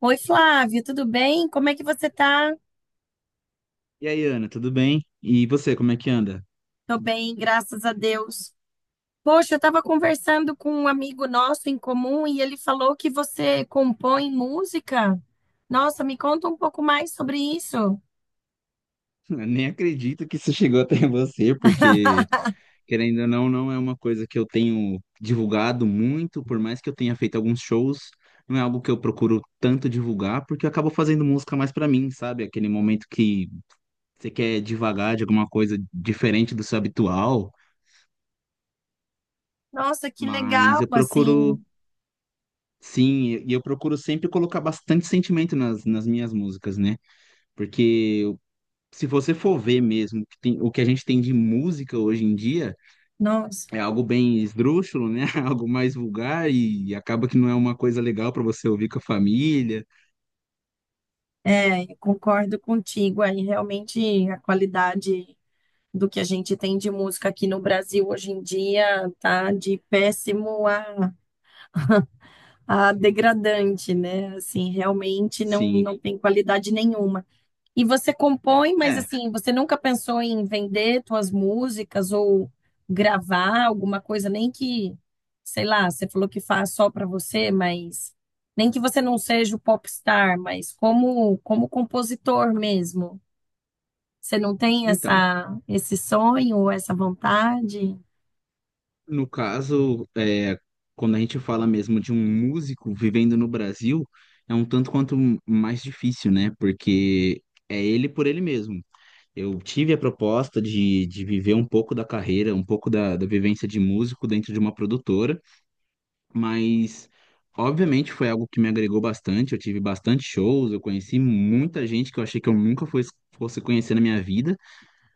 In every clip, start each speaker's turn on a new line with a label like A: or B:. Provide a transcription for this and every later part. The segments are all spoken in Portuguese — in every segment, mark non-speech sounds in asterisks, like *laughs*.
A: Oi, Flávio, tudo bem? Como é que você tá?
B: E aí, Ana, tudo bem? E você, como é que anda?
A: Tô bem, graças a Deus. Poxa, eu tava conversando com um amigo nosso em comum e ele falou que você compõe música. Nossa, me conta um pouco mais sobre isso.
B: *laughs* Nem acredito que isso chegou até você, porque, querendo ou não, não é uma coisa que eu tenho divulgado muito, por mais que eu tenha feito alguns shows. Não é algo que eu procuro tanto divulgar, porque eu acabo fazendo música mais pra mim, sabe? Aquele momento que você quer divagar de alguma coisa diferente do seu habitual.
A: Nossa, que
B: Mas
A: legal,
B: eu procuro,
A: assim.
B: sim, e eu procuro sempre colocar bastante sentimento nas minhas músicas, né? Porque se você for ver mesmo o que a gente tem de música hoje em dia,
A: Nossa,
B: é algo bem esdrúxulo, né? *laughs* Algo mais vulgar e acaba que não é uma coisa legal para você ouvir com a família.
A: é, eu concordo contigo aí. Realmente a qualidade do que a gente tem de música aqui no Brasil hoje em dia tá de péssimo a degradante, né? Assim, realmente não,
B: Sim.
A: não tem qualidade nenhuma. E você compõe, mas
B: É,
A: assim, você nunca pensou em vender suas músicas ou gravar alguma coisa, nem que, sei lá, você falou que faz só para você, mas nem que você não seja o popstar, mas como compositor mesmo. Você não tem
B: então,
A: essa esse sonho ou essa vontade?
B: no caso, quando a gente fala mesmo de um músico vivendo no Brasil, é um tanto quanto mais difícil, né? Porque é ele por ele mesmo. Eu tive a proposta de viver um pouco da carreira, um pouco da vivência de músico dentro de uma produtora. Mas, obviamente, foi algo que me agregou bastante. Eu tive bastante shows, eu conheci muita gente que eu achei que eu nunca fosse conhecer na minha vida.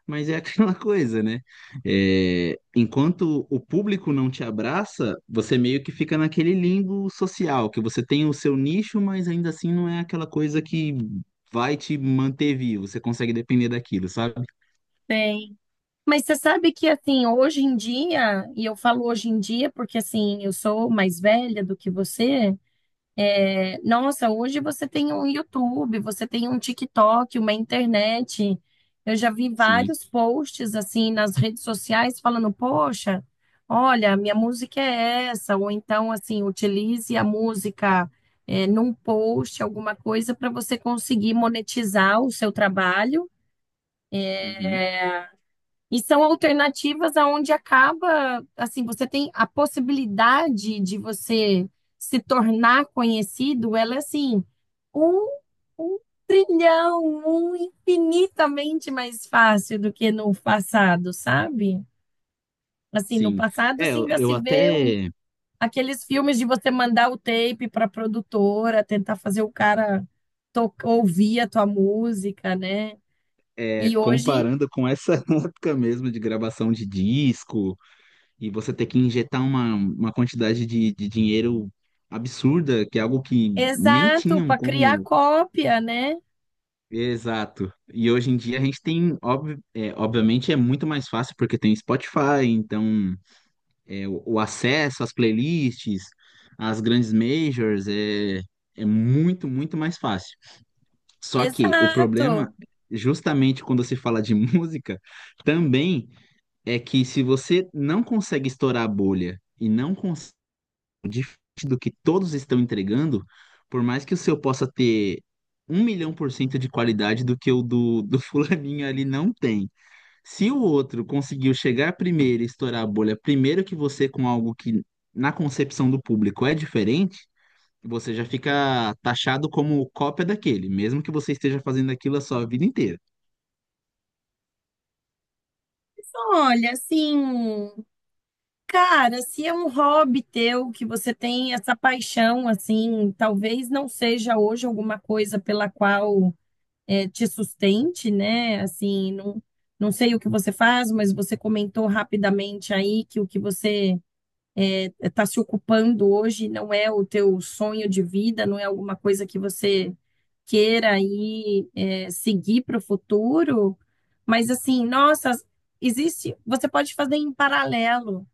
B: Mas é *laughs* aquela coisa, né? É, enquanto o público não te abraça, você meio que fica naquele limbo social, que você tem o seu nicho, mas ainda assim não é aquela coisa que vai te manter vivo. Você consegue depender daquilo, sabe?
A: Mas você sabe que, assim, hoje em dia, e eu falo hoje em dia porque, assim, eu sou mais velha do que você, é, nossa, hoje você tem um YouTube, você tem um TikTok, uma internet. Eu já vi
B: Sim.
A: vários posts, assim, nas redes sociais falando, poxa, olha, minha música é essa, ou então, assim, utilize a música, é, num post, alguma coisa, para você conseguir monetizar o seu trabalho
B: Uhum.
A: e são alternativas aonde acaba, assim, você tem a possibilidade de você se tornar conhecido, ela é assim, um, um trilhão, um infinitamente mais fácil do que no passado, sabe? Assim, no
B: Sim.
A: passado,
B: É,
A: assim,
B: eu
A: ainda
B: eu
A: se vê um-
B: até.
A: aqueles filmes de você mandar o tape para produtora, tentar fazer o cara ouvir a tua música, né?
B: É,
A: E hoje,
B: comparando com essa *laughs* época mesmo de gravação de disco, e você ter que injetar uma quantidade de dinheiro absurda, que é algo que nem
A: exato,
B: tinham
A: para criar
B: como.
A: cópia, né?
B: Exato. E hoje em dia a gente tem, obviamente é muito mais fácil porque tem Spotify, então o acesso às playlists, às grandes majors é muito, muito mais fácil. Só que o problema,
A: Exato.
B: justamente quando se fala de *laughs* música, também. É que se você não consegue estourar a bolha e não consegue, diferente do que todos estão entregando, por mais que o seu possa ter 1.000.000% de qualidade do que o do *laughs* fulaninho ali não tem. Se o outro conseguiu chegar primeiro e estourar a bolha primeiro que você com algo que na concepção do público é diferente, você já fica taxado como cópia daquele, mesmo que você esteja fazendo aquilo a sua vida inteira.
A: Olha, assim, cara, se é um hobby teu que você tem essa paixão, assim, talvez não seja hoje alguma coisa pela qual te sustente, né? Assim, não sei o que você faz, mas você comentou rapidamente aí que o que você está se ocupando hoje não é o teu sonho de vida, não é alguma coisa que você queira seguir para o futuro, mas assim, nossa, existe, você pode fazer em paralelo,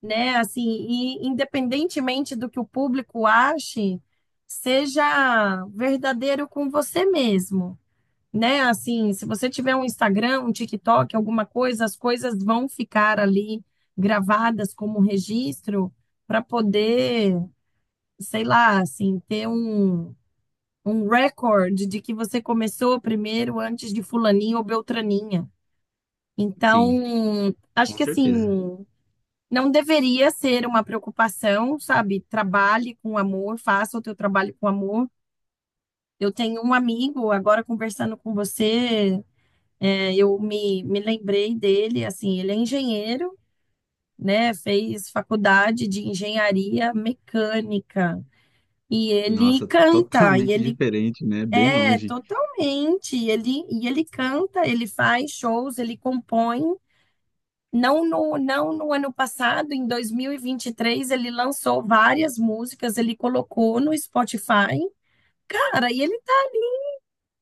A: né? Assim, e independentemente do que o público ache, seja verdadeiro com você mesmo, né? Assim, se você tiver um Instagram, um TikTok, alguma coisa, as coisas vão ficar ali gravadas como registro para poder, sei lá, assim, um recorde de que você começou primeiro antes de fulaninha ou beltraninha.
B: Sim,
A: Então, acho
B: com
A: que assim,
B: certeza.
A: não deveria ser uma preocupação, sabe? Trabalhe com amor, faça o teu trabalho com amor. Eu tenho um amigo agora conversando com você. É, me lembrei dele, assim, ele é engenheiro, né? Fez faculdade de engenharia mecânica e ele
B: Nossa,
A: canta,
B: totalmente diferente, né? Bem longe.
A: e ele canta, ele faz shows, ele compõe. Não no, não no ano passado, em 2023, ele lançou várias músicas, ele colocou no Spotify. Cara, e ele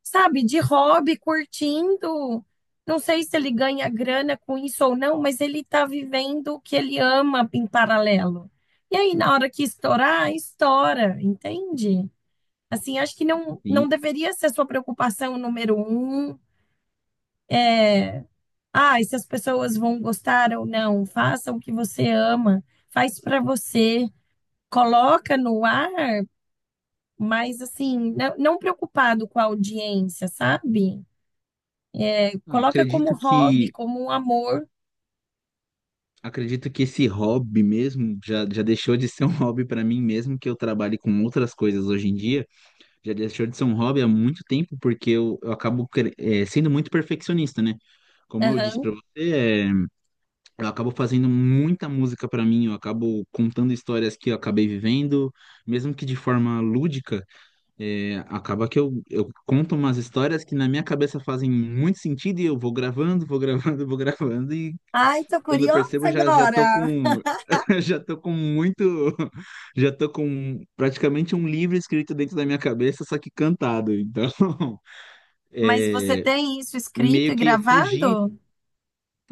A: sabe, de hobby, curtindo. Não sei se ele ganha grana com isso ou não, mas ele está vivendo o que ele ama em paralelo. E aí, na hora que estourar, estoura, entende? Assim, acho que não
B: Sim.
A: deveria ser a sua preocupação número um. Ah, e se as pessoas vão gostar ou não, faça o que você ama, faz para você, coloca no ar, mas assim, não preocupado com a audiência, sabe?
B: Ah,
A: Coloca como
B: acredito
A: hobby,
B: que
A: como um amor.
B: esse hobby mesmo já deixou de ser um *laughs* hobby para mim, mesmo que eu trabalhe com outras coisas hoje em dia. Já deixou de ser um hobby há muito tempo porque eu acabo sendo muito perfeccionista, né? Como eu disse
A: Aham.
B: para você, eu acabo fazendo muita música para mim, eu acabo contando histórias que eu acabei vivendo, mesmo que de forma lúdica. É, acaba que eu conto umas histórias que na minha cabeça fazem muito sentido e eu vou gravando, *laughs* vou gravando e
A: Ai, tô
B: quando eu
A: curiosa
B: percebo já tô
A: agora.
B: com
A: *laughs*
B: *laughs* já tô com muito *laughs* já tô com praticamente um livro escrito dentro da minha cabeça, só que cantado. Então, *laughs*
A: Mas você tem isso escrito
B: meio
A: e
B: que eu fugi.
A: gravado?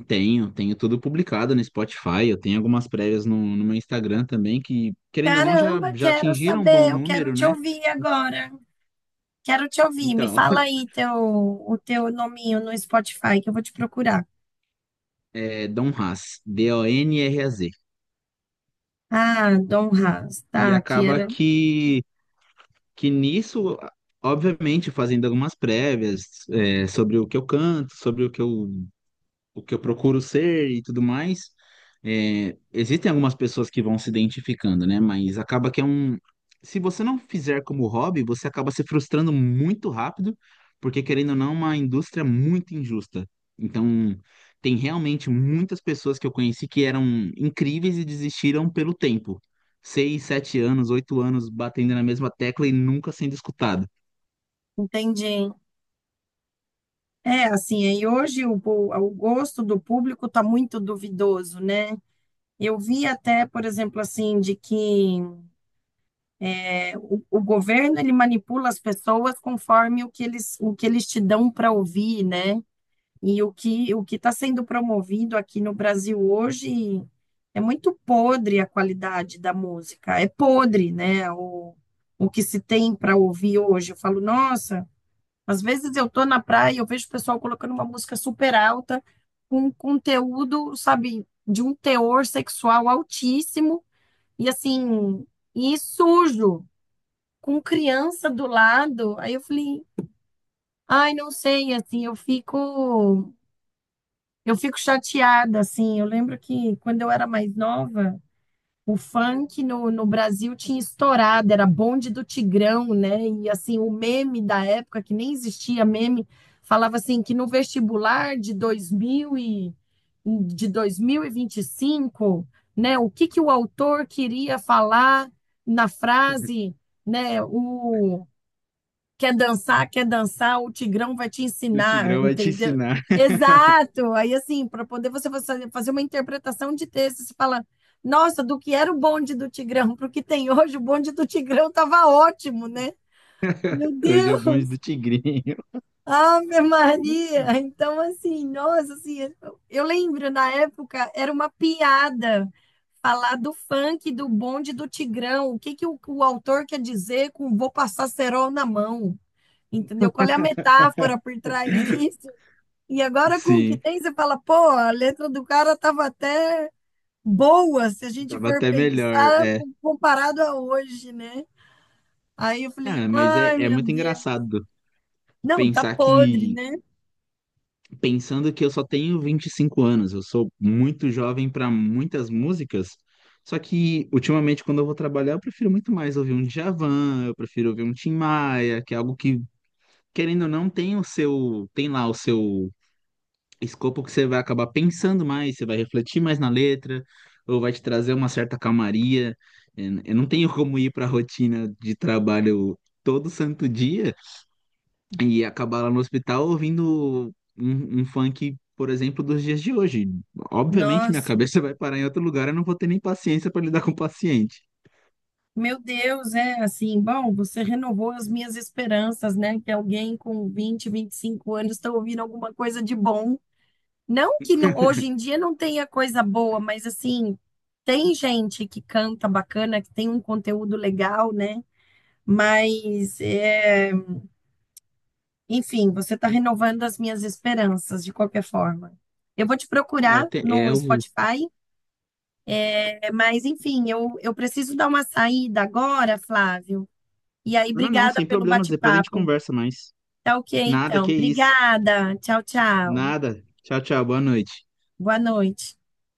B: Tenho tudo publicado no Spotify, eu tenho algumas prévias no meu Instagram também que, querendo ou não, já
A: Caramba,
B: já
A: quero
B: atingiram um bom
A: saber, eu quero
B: número,
A: te
B: né?
A: ouvir agora. Quero te ouvir. Me
B: Então, *laughs*
A: fala aí o teu nominho no Spotify que eu vou te procurar.
B: é Donraz, Donraz.
A: Ah, Dom Haas,
B: E
A: tá, que
B: acaba
A: era.
B: que nisso, obviamente, fazendo algumas prévias, é, sobre o que eu canto, sobre o que eu procuro ser e tudo mais. É, existem algumas pessoas que vão se identificando, né? Mas acaba que é um. Se você não fizer como hobby, você acaba se frustrando muito rápido, porque querendo ou não, é uma indústria muito injusta. Então, tem realmente muitas pessoas que eu conheci que eram incríveis e desistiram pelo tempo. 6, 7 anos, 8 anos batendo na mesma tecla e nunca sendo escutado.
A: Entendi. É, assim, aí hoje o gosto do público tá muito duvidoso, né? Eu vi até, por exemplo, assim, de que é, o governo ele manipula as pessoas conforme o que eles te dão para ouvir, né? E o que está sendo promovido aqui no Brasil hoje é muito podre a qualidade da música, é podre, né? O que se tem para ouvir hoje. Eu falo, nossa, às vezes eu tô na praia e eu vejo o pessoal colocando uma música super alta com um conteúdo, sabe, de um teor sexual altíssimo e assim, e sujo com criança do lado. Aí eu falei, ai, não sei, assim, eu fico chateada, assim. Eu lembro que quando eu era mais nova, o funk no Brasil tinha estourado, era bonde do Tigrão, né? E assim, o meme da época, que nem existia meme, falava assim que no vestibular de 2000 e, de dois mil e vinte e cinco, né? O que que o autor queria falar na
B: *laughs*
A: frase, né? O quer dançar, quer dançar, o Tigrão vai te
B: O
A: ensinar,
B: Tigrão vai te
A: entendeu?
B: ensinar.
A: Exato. Aí, assim, para poder você fazer uma interpretação de texto, você fala, nossa, do que era o bonde do Tigrão para o que tem hoje, o bonde do Tigrão estava ótimo, né? Meu
B: Hoje é o
A: Deus,
B: bonde do Tigrinho.
A: Ave Maria!
B: *laughs*
A: Então, assim, nossa, assim, eu lembro na época era uma piada falar do funk, do bonde do Tigrão. O que que o autor quer dizer com vou passar cerol na mão? Entendeu? Qual é a metáfora por trás disso? E agora com o que
B: Sim.
A: tem, você fala, pô, a letra do cara tava até boa, se a gente
B: Tava
A: for
B: até melhor,
A: pensar
B: é.
A: comparado a hoje, né? Aí eu falei,
B: Ah, mas é,
A: ai,
B: é
A: meu
B: muito
A: Deus.
B: engraçado
A: Não, tá
B: pensar
A: podre,
B: que,
A: né?
B: pensando que eu só tenho 25 anos, eu sou muito jovem para muitas músicas, só que ultimamente quando eu vou trabalhar eu prefiro muito mais ouvir um Djavan, eu prefiro ouvir um Tim Maia, que é algo que, querendo ou não, tem o seu, tem lá o seu escopo que você vai acabar pensando mais, você vai refletir mais na letra, ou vai te trazer uma certa calmaria. Eu não tenho como ir para a rotina de trabalho todo santo dia e acabar lá no hospital ouvindo um funk, por exemplo, dos dias de hoje. Obviamente, minha
A: Nossa,
B: cabeça *laughs* vai parar em outro lugar, eu não vou ter nem paciência para lidar com o paciente.
A: meu Deus, é assim, bom, você renovou as minhas esperanças, né? Que alguém com 25 anos está ouvindo alguma coisa de bom. Não que não- hoje em dia não tenha coisa boa, mas assim, tem gente que canta bacana, que tem um conteúdo legal, né? Mas, é, enfim, você está renovando as minhas esperanças, de qualquer forma. Eu vou te
B: É o,
A: procurar
B: é
A: no
B: o.
A: Spotify, é, mas, enfim, eu preciso dar uma saída agora, Flávio. E aí,
B: Não, não,
A: obrigada
B: sem
A: pelo
B: problemas. Depois a gente
A: bate-papo.
B: conversa mais.
A: Tá, ok,
B: Nada,
A: então.
B: que isso.
A: Obrigada. Tchau, tchau.
B: Nada. Tchau, tchau. Boa noite.
A: Boa noite.